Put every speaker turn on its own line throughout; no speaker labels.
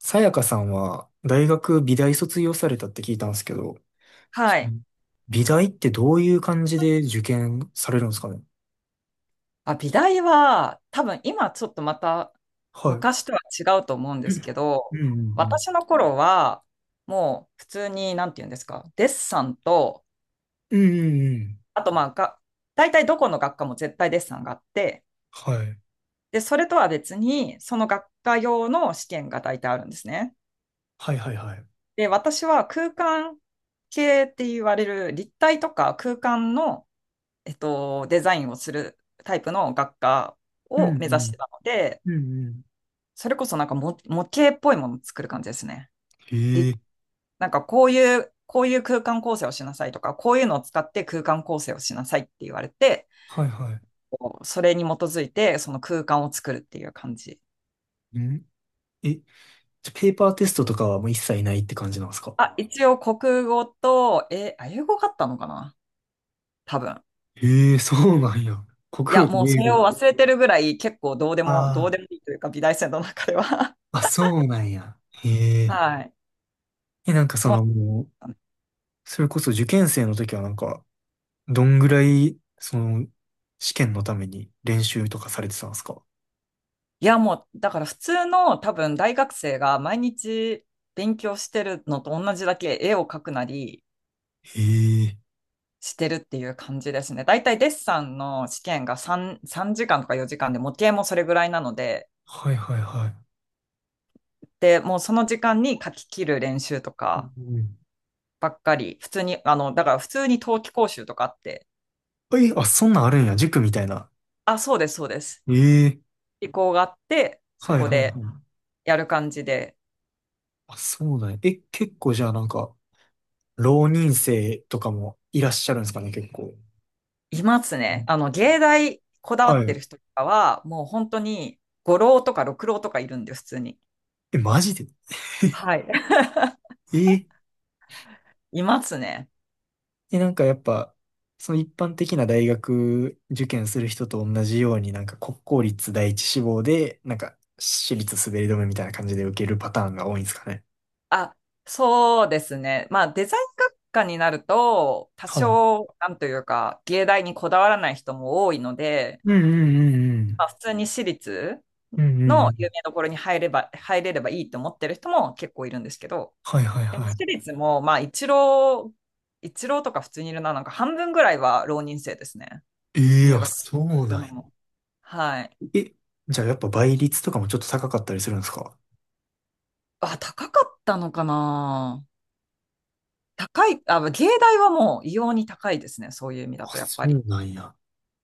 さやかさんは大学美大卒業されたって聞いたんですけど、そ
はい。
の美大ってどういう感じで受験されるんですかね？
あ、美大は、多分今ちょっとまた
はい。う
昔とは違うと思うん
ん
ですけ
う
ど、
んうん。
私の頃は、もう普通に、なんて言うんですか、デッサンと、
うんうんうん。
あとまあが、大体どこの学科も絶対デッサンがあって、
はい。
で、それとは別に、その学科用の試験が大体あるんですね。
はいはいはい。
で、私は空間系って言われる立体とか空間の、デザインをするタイプの学科
うん
を目
う
指し
ん。
てたので、
うんうん。
それこそなんかも模型っぽいものを作る感じですね。
へ
り
え。
なんかこういう空間構成をしなさいとか、こういうのを使って空間構成をしなさいって言われて、
はいはい。
それに基づいてその空間を作るっていう感じ。
うん。え、じゃあペーパーテストとかはもう一切ないって感じなんですか？
あ、一応国語と、英語があったのかな、多分。
へえ、そうなんや。国
いや、
語と
もうそ
英
れを
語。
忘れてるぐらい結構ど
あ
うでもいいというか、美大生の中では。
あ、あ、そうなんや。へ え。
はい。
え、なんかそ
そう。
のもう、それこそ受験生の時はなんか、どんぐらい、その、試験のために練習とかされてたんですか？
いや、もう、だから普通の多分大学生が毎日勉強してるのと同じだけ絵を描くなり
へえ。
してるっていう感じですね。だいたいデッサンの試験が3時間とか4時間で、模型もそれぐらいなので、
はいはいはい。
で、もうその時間に描き切る練習と
う
か
ん。
ばっかり、普通に、だから普通に冬季講習とかあって、
はい、あ、そんなんあるんや。塾みたいな。
あ、そうです、そうです。
ええ。
意向があって、そ
はい
こ
はいはい。
でやる感じで。
あ、そうだね。え、結構じゃあなんか、浪人生とかもいらっしゃるんですかね、結構。
いますね。芸大こだわ
は
って
い。
る人とかは、もう本当に五浪とか六浪とかいるんで、普通に。
え、マジで？
はい。
え。
いますね。
でなんかやっぱ、その一般的な大学受験する人と同じように、なんか国公立第一志望で、なんか私立滑り止めみたいな感じで受けるパターンが多いんですかね。
あ、そうですね。まあ、デザイン学科になると、多
はい。
少、なんというか、芸大にこだわらない人も多いので、
うんうんうんう
ま
ん。
あ、普通に私立
うんうんう
の有
ん。
名どころに入れればいいと思ってる人も結構いるんですけど、
はいはい
でも
はい。
私立も、まあ、一浪とか普通にいるな、なんか半分ぐらいは浪人生ですね。
ええー、
入
あ、
学す
そう
る
なん
の
や。
も。はい。
え、じゃあやっぱ倍率とかもちょっと高かったりするんですか？
あ、高かったのかな。あ、芸大はもう異様に高いですね。そういう意味
あ、
だと、やっ
そ
ぱり。
うなんや。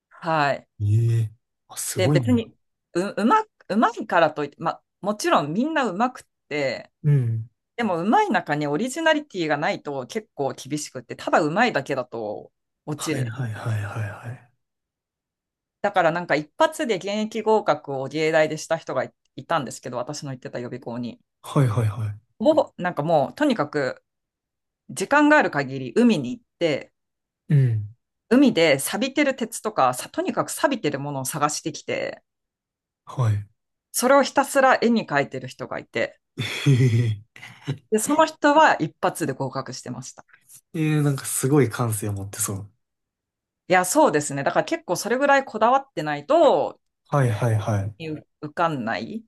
はい。
ええ、あ、す
で、
ごい
別
な。
に、う、うま、うまいからといって、もちろんみんなうまくって、
うん。
でもうまい中にオリジナリティがないと結構厳しくって、ただうまいだけだと落ち
はい
る。
はいはいはいはい。
だからなんか一発で現役合格を芸大でした人いたんですけど、私の行ってた予備校に。
はいはいはい。
もう、なんかもう、とにかく時間がある限り海に行って、
うん。
海で錆びてる鉄とか、とにかく錆びてるものを探してきて、
はい。
それをひたすら絵に描いてる人がいて、
ええ、
で、その人は一発で合格してました。
ええ、なんかすごい感性を持ってそう。
いや、そうですね。だから結構それぐらいこだわってないと、
はいはいは
受かんない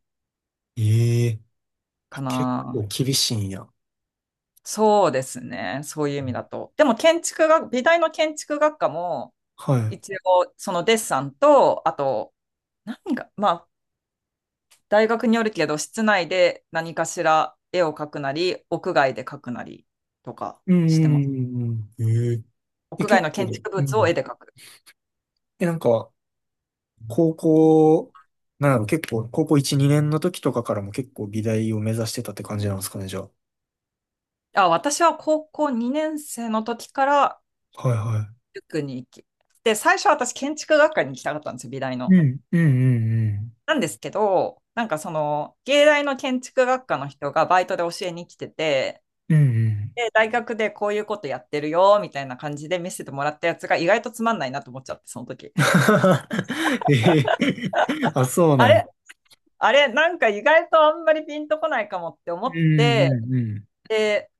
い。ええ、
か
あ、結
な。
構厳しいんや。
そうですね。そういう意味だと。でも建築学、美大の建築学科も、
はい。
一応、そのデッサンと、あと、まあ、大学によるけど、室内で何かしら絵を描くなり、屋外で描くなりとか
うん
し
う
てます。
んうんうん。ええ、え
屋外
結
の建
構、
築
う
物を絵
ん。
で描く。
え、なんか、高校、なんやろう、結構、高校1、2年の時とかからも結構美大を目指してたって感じなんですかね、じゃあ。
あ、私は高校2年生の時から
はいは
塾に行き、で、最初は私建築学科に行きたかったんですよ、美大
い。
の。
うん、うん、うん、
なんですけど、なんかその、芸大の建築学科の人がバイトで教えに来てて、
うん。うんうん。
で、大学でこういうことやってるよ、みたいな感じで見せてもらったやつが意外とつまんないなと思っちゃって、その時。
ええ、あ、そうな
あ
んや。
れあれ、なんか意外とあんまりピンとこないかもって思
うん、
って、
うん、うん。
で、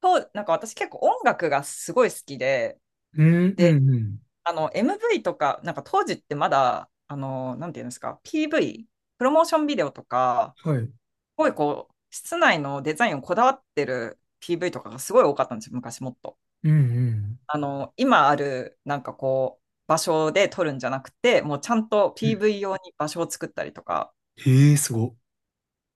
なんか私結構音楽がすごい好きで、
うん、う
で、
ん、うん。
MV とか、なんか当時ってまだ、なんていうんですか、PV、プロモーションビデオとか、
はい。
すごいこう、室内のデザインをこだわってる PV とかがすごい多かったんですよ、昔もっと。
うん、うん。
今ある、なんかこう、場所で撮るんじゃなくて、もうちゃんと PV 用に場所を作ったりとか、
ええ、すご。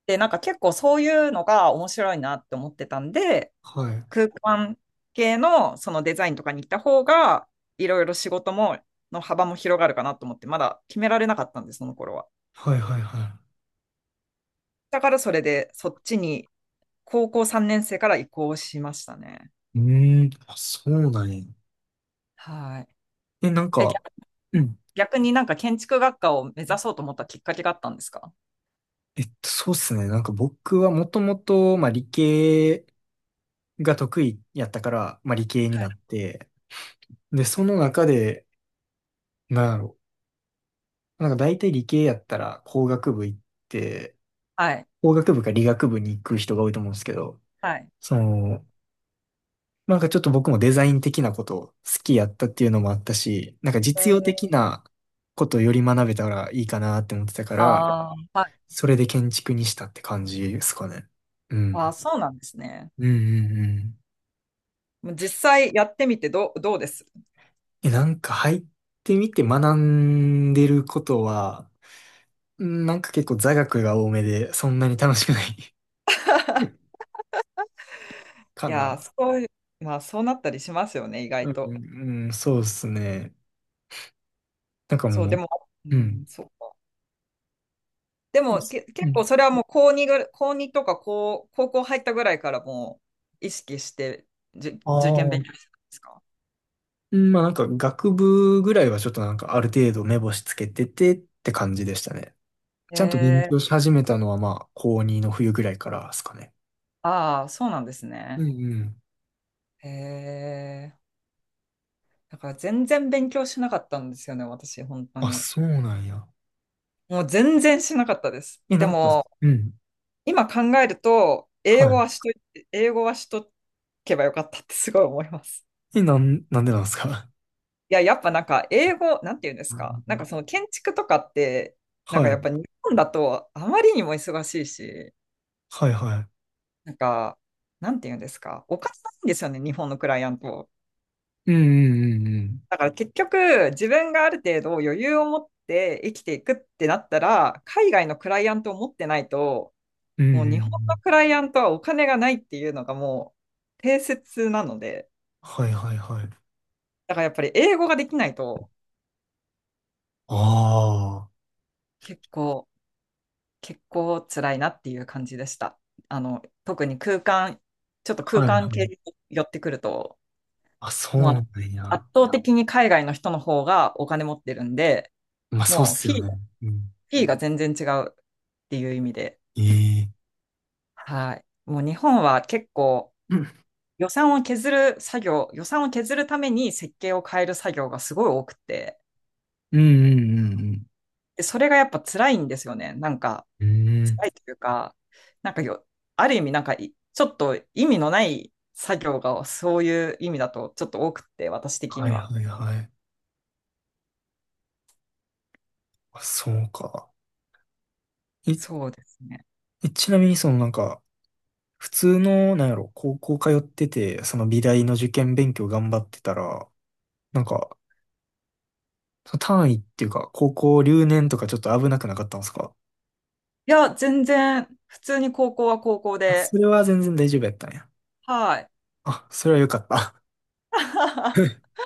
で、なんか結構そういうのが面白いなって思ってたんで、
はい。
空間系のそのデザインとかに行った方が、いろいろ仕事も、の幅も広がるかなと思って、まだ決められなかったんです、その頃は。
はいはいは
だからそれで、そっちに高校3年生から移行しましたね。
い。うーん、あ、そうなんや。
はい。
え、なん
え、
か、
逆
うん。
逆になんか建築学科を目指そうと思ったきっかけがあったんですか？
そうっすね。なんか僕はもともと、まあ理系が得意やったから、まあ理系に
は
な
い。
って、で、その中で、なんやろ、なんか大体理系やったら工学部行って、
はい。
工学部か理学部に行く人が多いと思うんですけど、
はい。
その、なんかちょっと僕もデザイン的なことを好きやったっていうのもあったし、なんか
え
実用的
ー
なことをより学べたらいいかなって思ってたから、
ああ、はい。
それで建築にしたって感じですかね。う
あー、
ん。
そうなんですね。
うんうんう
もう実際やってみてどうです？
ん。え、なんか入ってみて学んでることは、うん、なんか結構座学が多めで、そんなに楽しくない
い
か
やー、
な。
そういう、まあそうなったりしますよね、意外
う
と。
ん、うん、そうですね。なんか
そう、
も
で
う、
も、う
うん。
ん、そう。で
う
結構
ん。
それはもう高2とか高校入ったぐらいからもう意識して
あ
受験勉強
あ。
してたんですか？
うん、まあなんか学部ぐらいはちょっとなんかある程度目星つけててって感じでしたね。
へ
ちゃんと勉
え、
強し始めたのはまあ高2の冬ぐらいからですかね。
ああ、そうなんです
うん
ね。
うん。
へえ、だから全然勉強しなかったんですよね、私、本当
あ、
に。
そうなんや。
もう全然しなかったです。
え、
で
なんか、
も、
うん。
今考えると、
は
英語はしとけばよかったってすごい思います。
い。え、なんでなんですか？
いや、やっぱなんか英語、なんて言うんです
う
か。なん
ん。
かその建築とかって、なんか
は
や
い。
っぱ日本だとあまりにも忙しいし、
はいは
なんか、なんて言うんですか。おかしいんですよね、日本のクライアント。
い。うんうんうんうん。
だから結局、自分がある程度余裕を持って生きていくってなったら、海外のクライアントを持ってないと、
うんう
もう
んう
日本の
ん。
クライアントはお金がないっていうのがもう定説なので、
はいはいはい。
だからやっぱり英語ができないと
ああ。
結構、結構辛いなっていう感じでした。特にちょっと空
はいは
間系
い。
に寄ってくると、
あ、そう
も
なん
う
や。
圧倒的に海外の人の方がお金持ってるんで、
まあそうっ
もう
すよね。うん。
フィーが全然違うっていう意味で、
ええ。
はい。もう日本は結構
うん
予算を削る作業、予算を削るために設計を変える作業がすごい多くて、
うんうんうん
でそれがやっぱ辛いんですよね。なんか、
うん。うん。
辛いというか、なんかよ、ある意味なんかちょっと意味のない作業がそういう意味だとちょっと多くって、私的
は
に
い
は。
はいはい。あ、そうか。い、
そうですね。
え、ちなみにそのなんか、普通の、なんやろ、高校通ってて、その美大の受験勉強頑張ってたら、なんか、その単位っていうか、高校留年とかちょっと危なくなかったんですか？
いや、全然、普通に高校は高校
あ、そ
で、
れは全然大丈夫やったんや。
はい。
あ、それはよかった。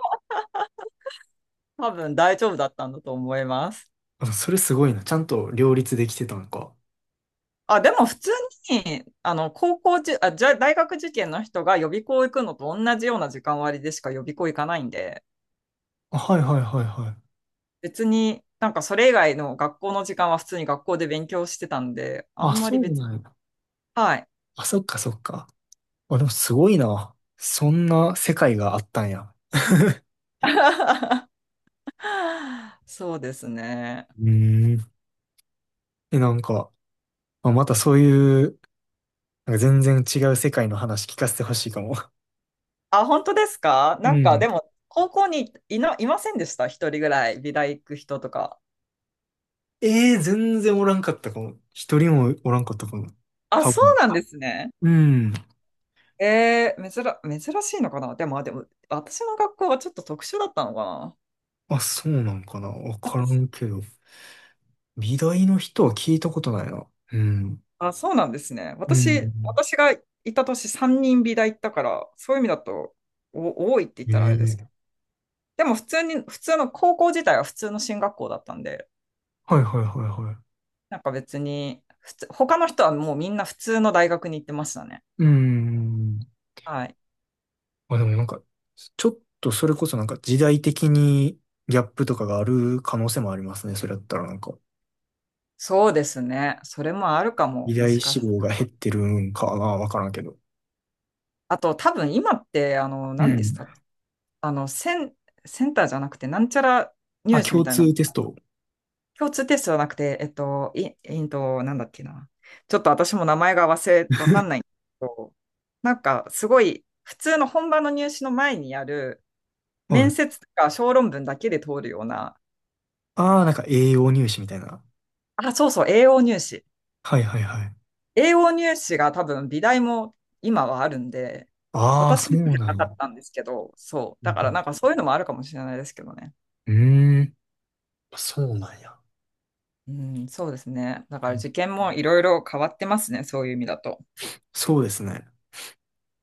多分大丈夫だったんだと思います。
あ、それすごいな。ちゃんと両立できてたのか。
あ、でも普通に、高校じゅ、あ、じゃ、大学受験の人が予備校行くのと同じような時間割でしか予備校行かないんで、
あ、はいはいはいはい。
別になんかそれ以外の学校の時間は普通に学校で勉強してたんで、あ
あ、
んま
そ
り
うなんや。
はい。
あ、そっかそっか。あ、でもすごいな。そんな世界があったんや。
そうですね。
うーん。え、なんか、まあ、またそういう、なんか全然違う世界の話聞かせてほしいかも。
あ、本当ですか？
う
なんか
ん。
でも、高校にいませんでした、一人ぐらい、美大行く人とか。
ええ、全然おらんかったかも。一人もおらんかったかも。
あ、
多
そう
分。
なんですね。
うん。
珍しいのかな。でも、あでも、私の学校はちょっと特殊だったのか
あ、そうなんかな。わ
な。
からんけ ど。美大の人は聞いたことないな。うん。
あ、そうなんですね。
うん。
私がいた年3人美大行ったから、そういう意味だと多いって言ったらあれですけ
え
ど。
え。
でも普通に、普通の高校自体は普通の進学校だったんで、
はいはいはいはい。
なんか別に、普通、他の人はもうみんな普通の大学に行ってましたね。
うん。
はい。
あ、でもなんか、ちょっとそれこそなんか時代的にギャップとかがある可能性もありますね。それだったらなんか。
そうですね。それもあるか
偉
も、も
大
しか
志
して。
望が減ってるんかな、わからんけど。
あと、多分今って、
う
何でし
ん。
た？あの、セン、センターじゃなくて、なんちゃら
あ、
入試み
共
たいな、
通テスト。
共通テストじゃなくて、えっと、い、えっと、なんだっけな。ちょっと私も名前がわかんないん だけど、なんか、すごい、普通の本番の入試の前にやる、
は
面
い。
接とか小論文だけで通るような、
ああ、なんか栄養入試みたいな。
あ、そうそう、栄養入試。
はいはいはい。
英語入試が多分美大も今はあるんで、
ああ、
私
そ
の時
う
は
な
な
ん
か
や。
ったんですけど、そう。
う
だ
ん。
からなんかそういうのもあるかもしれないですけどね。
うーん、そうなんや。
うん、そうですね。だから受験もいろいろ変わってますね、そういう意味だと。
そうですね。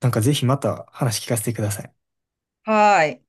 なんかぜひまた話聞かせてください。
はーい。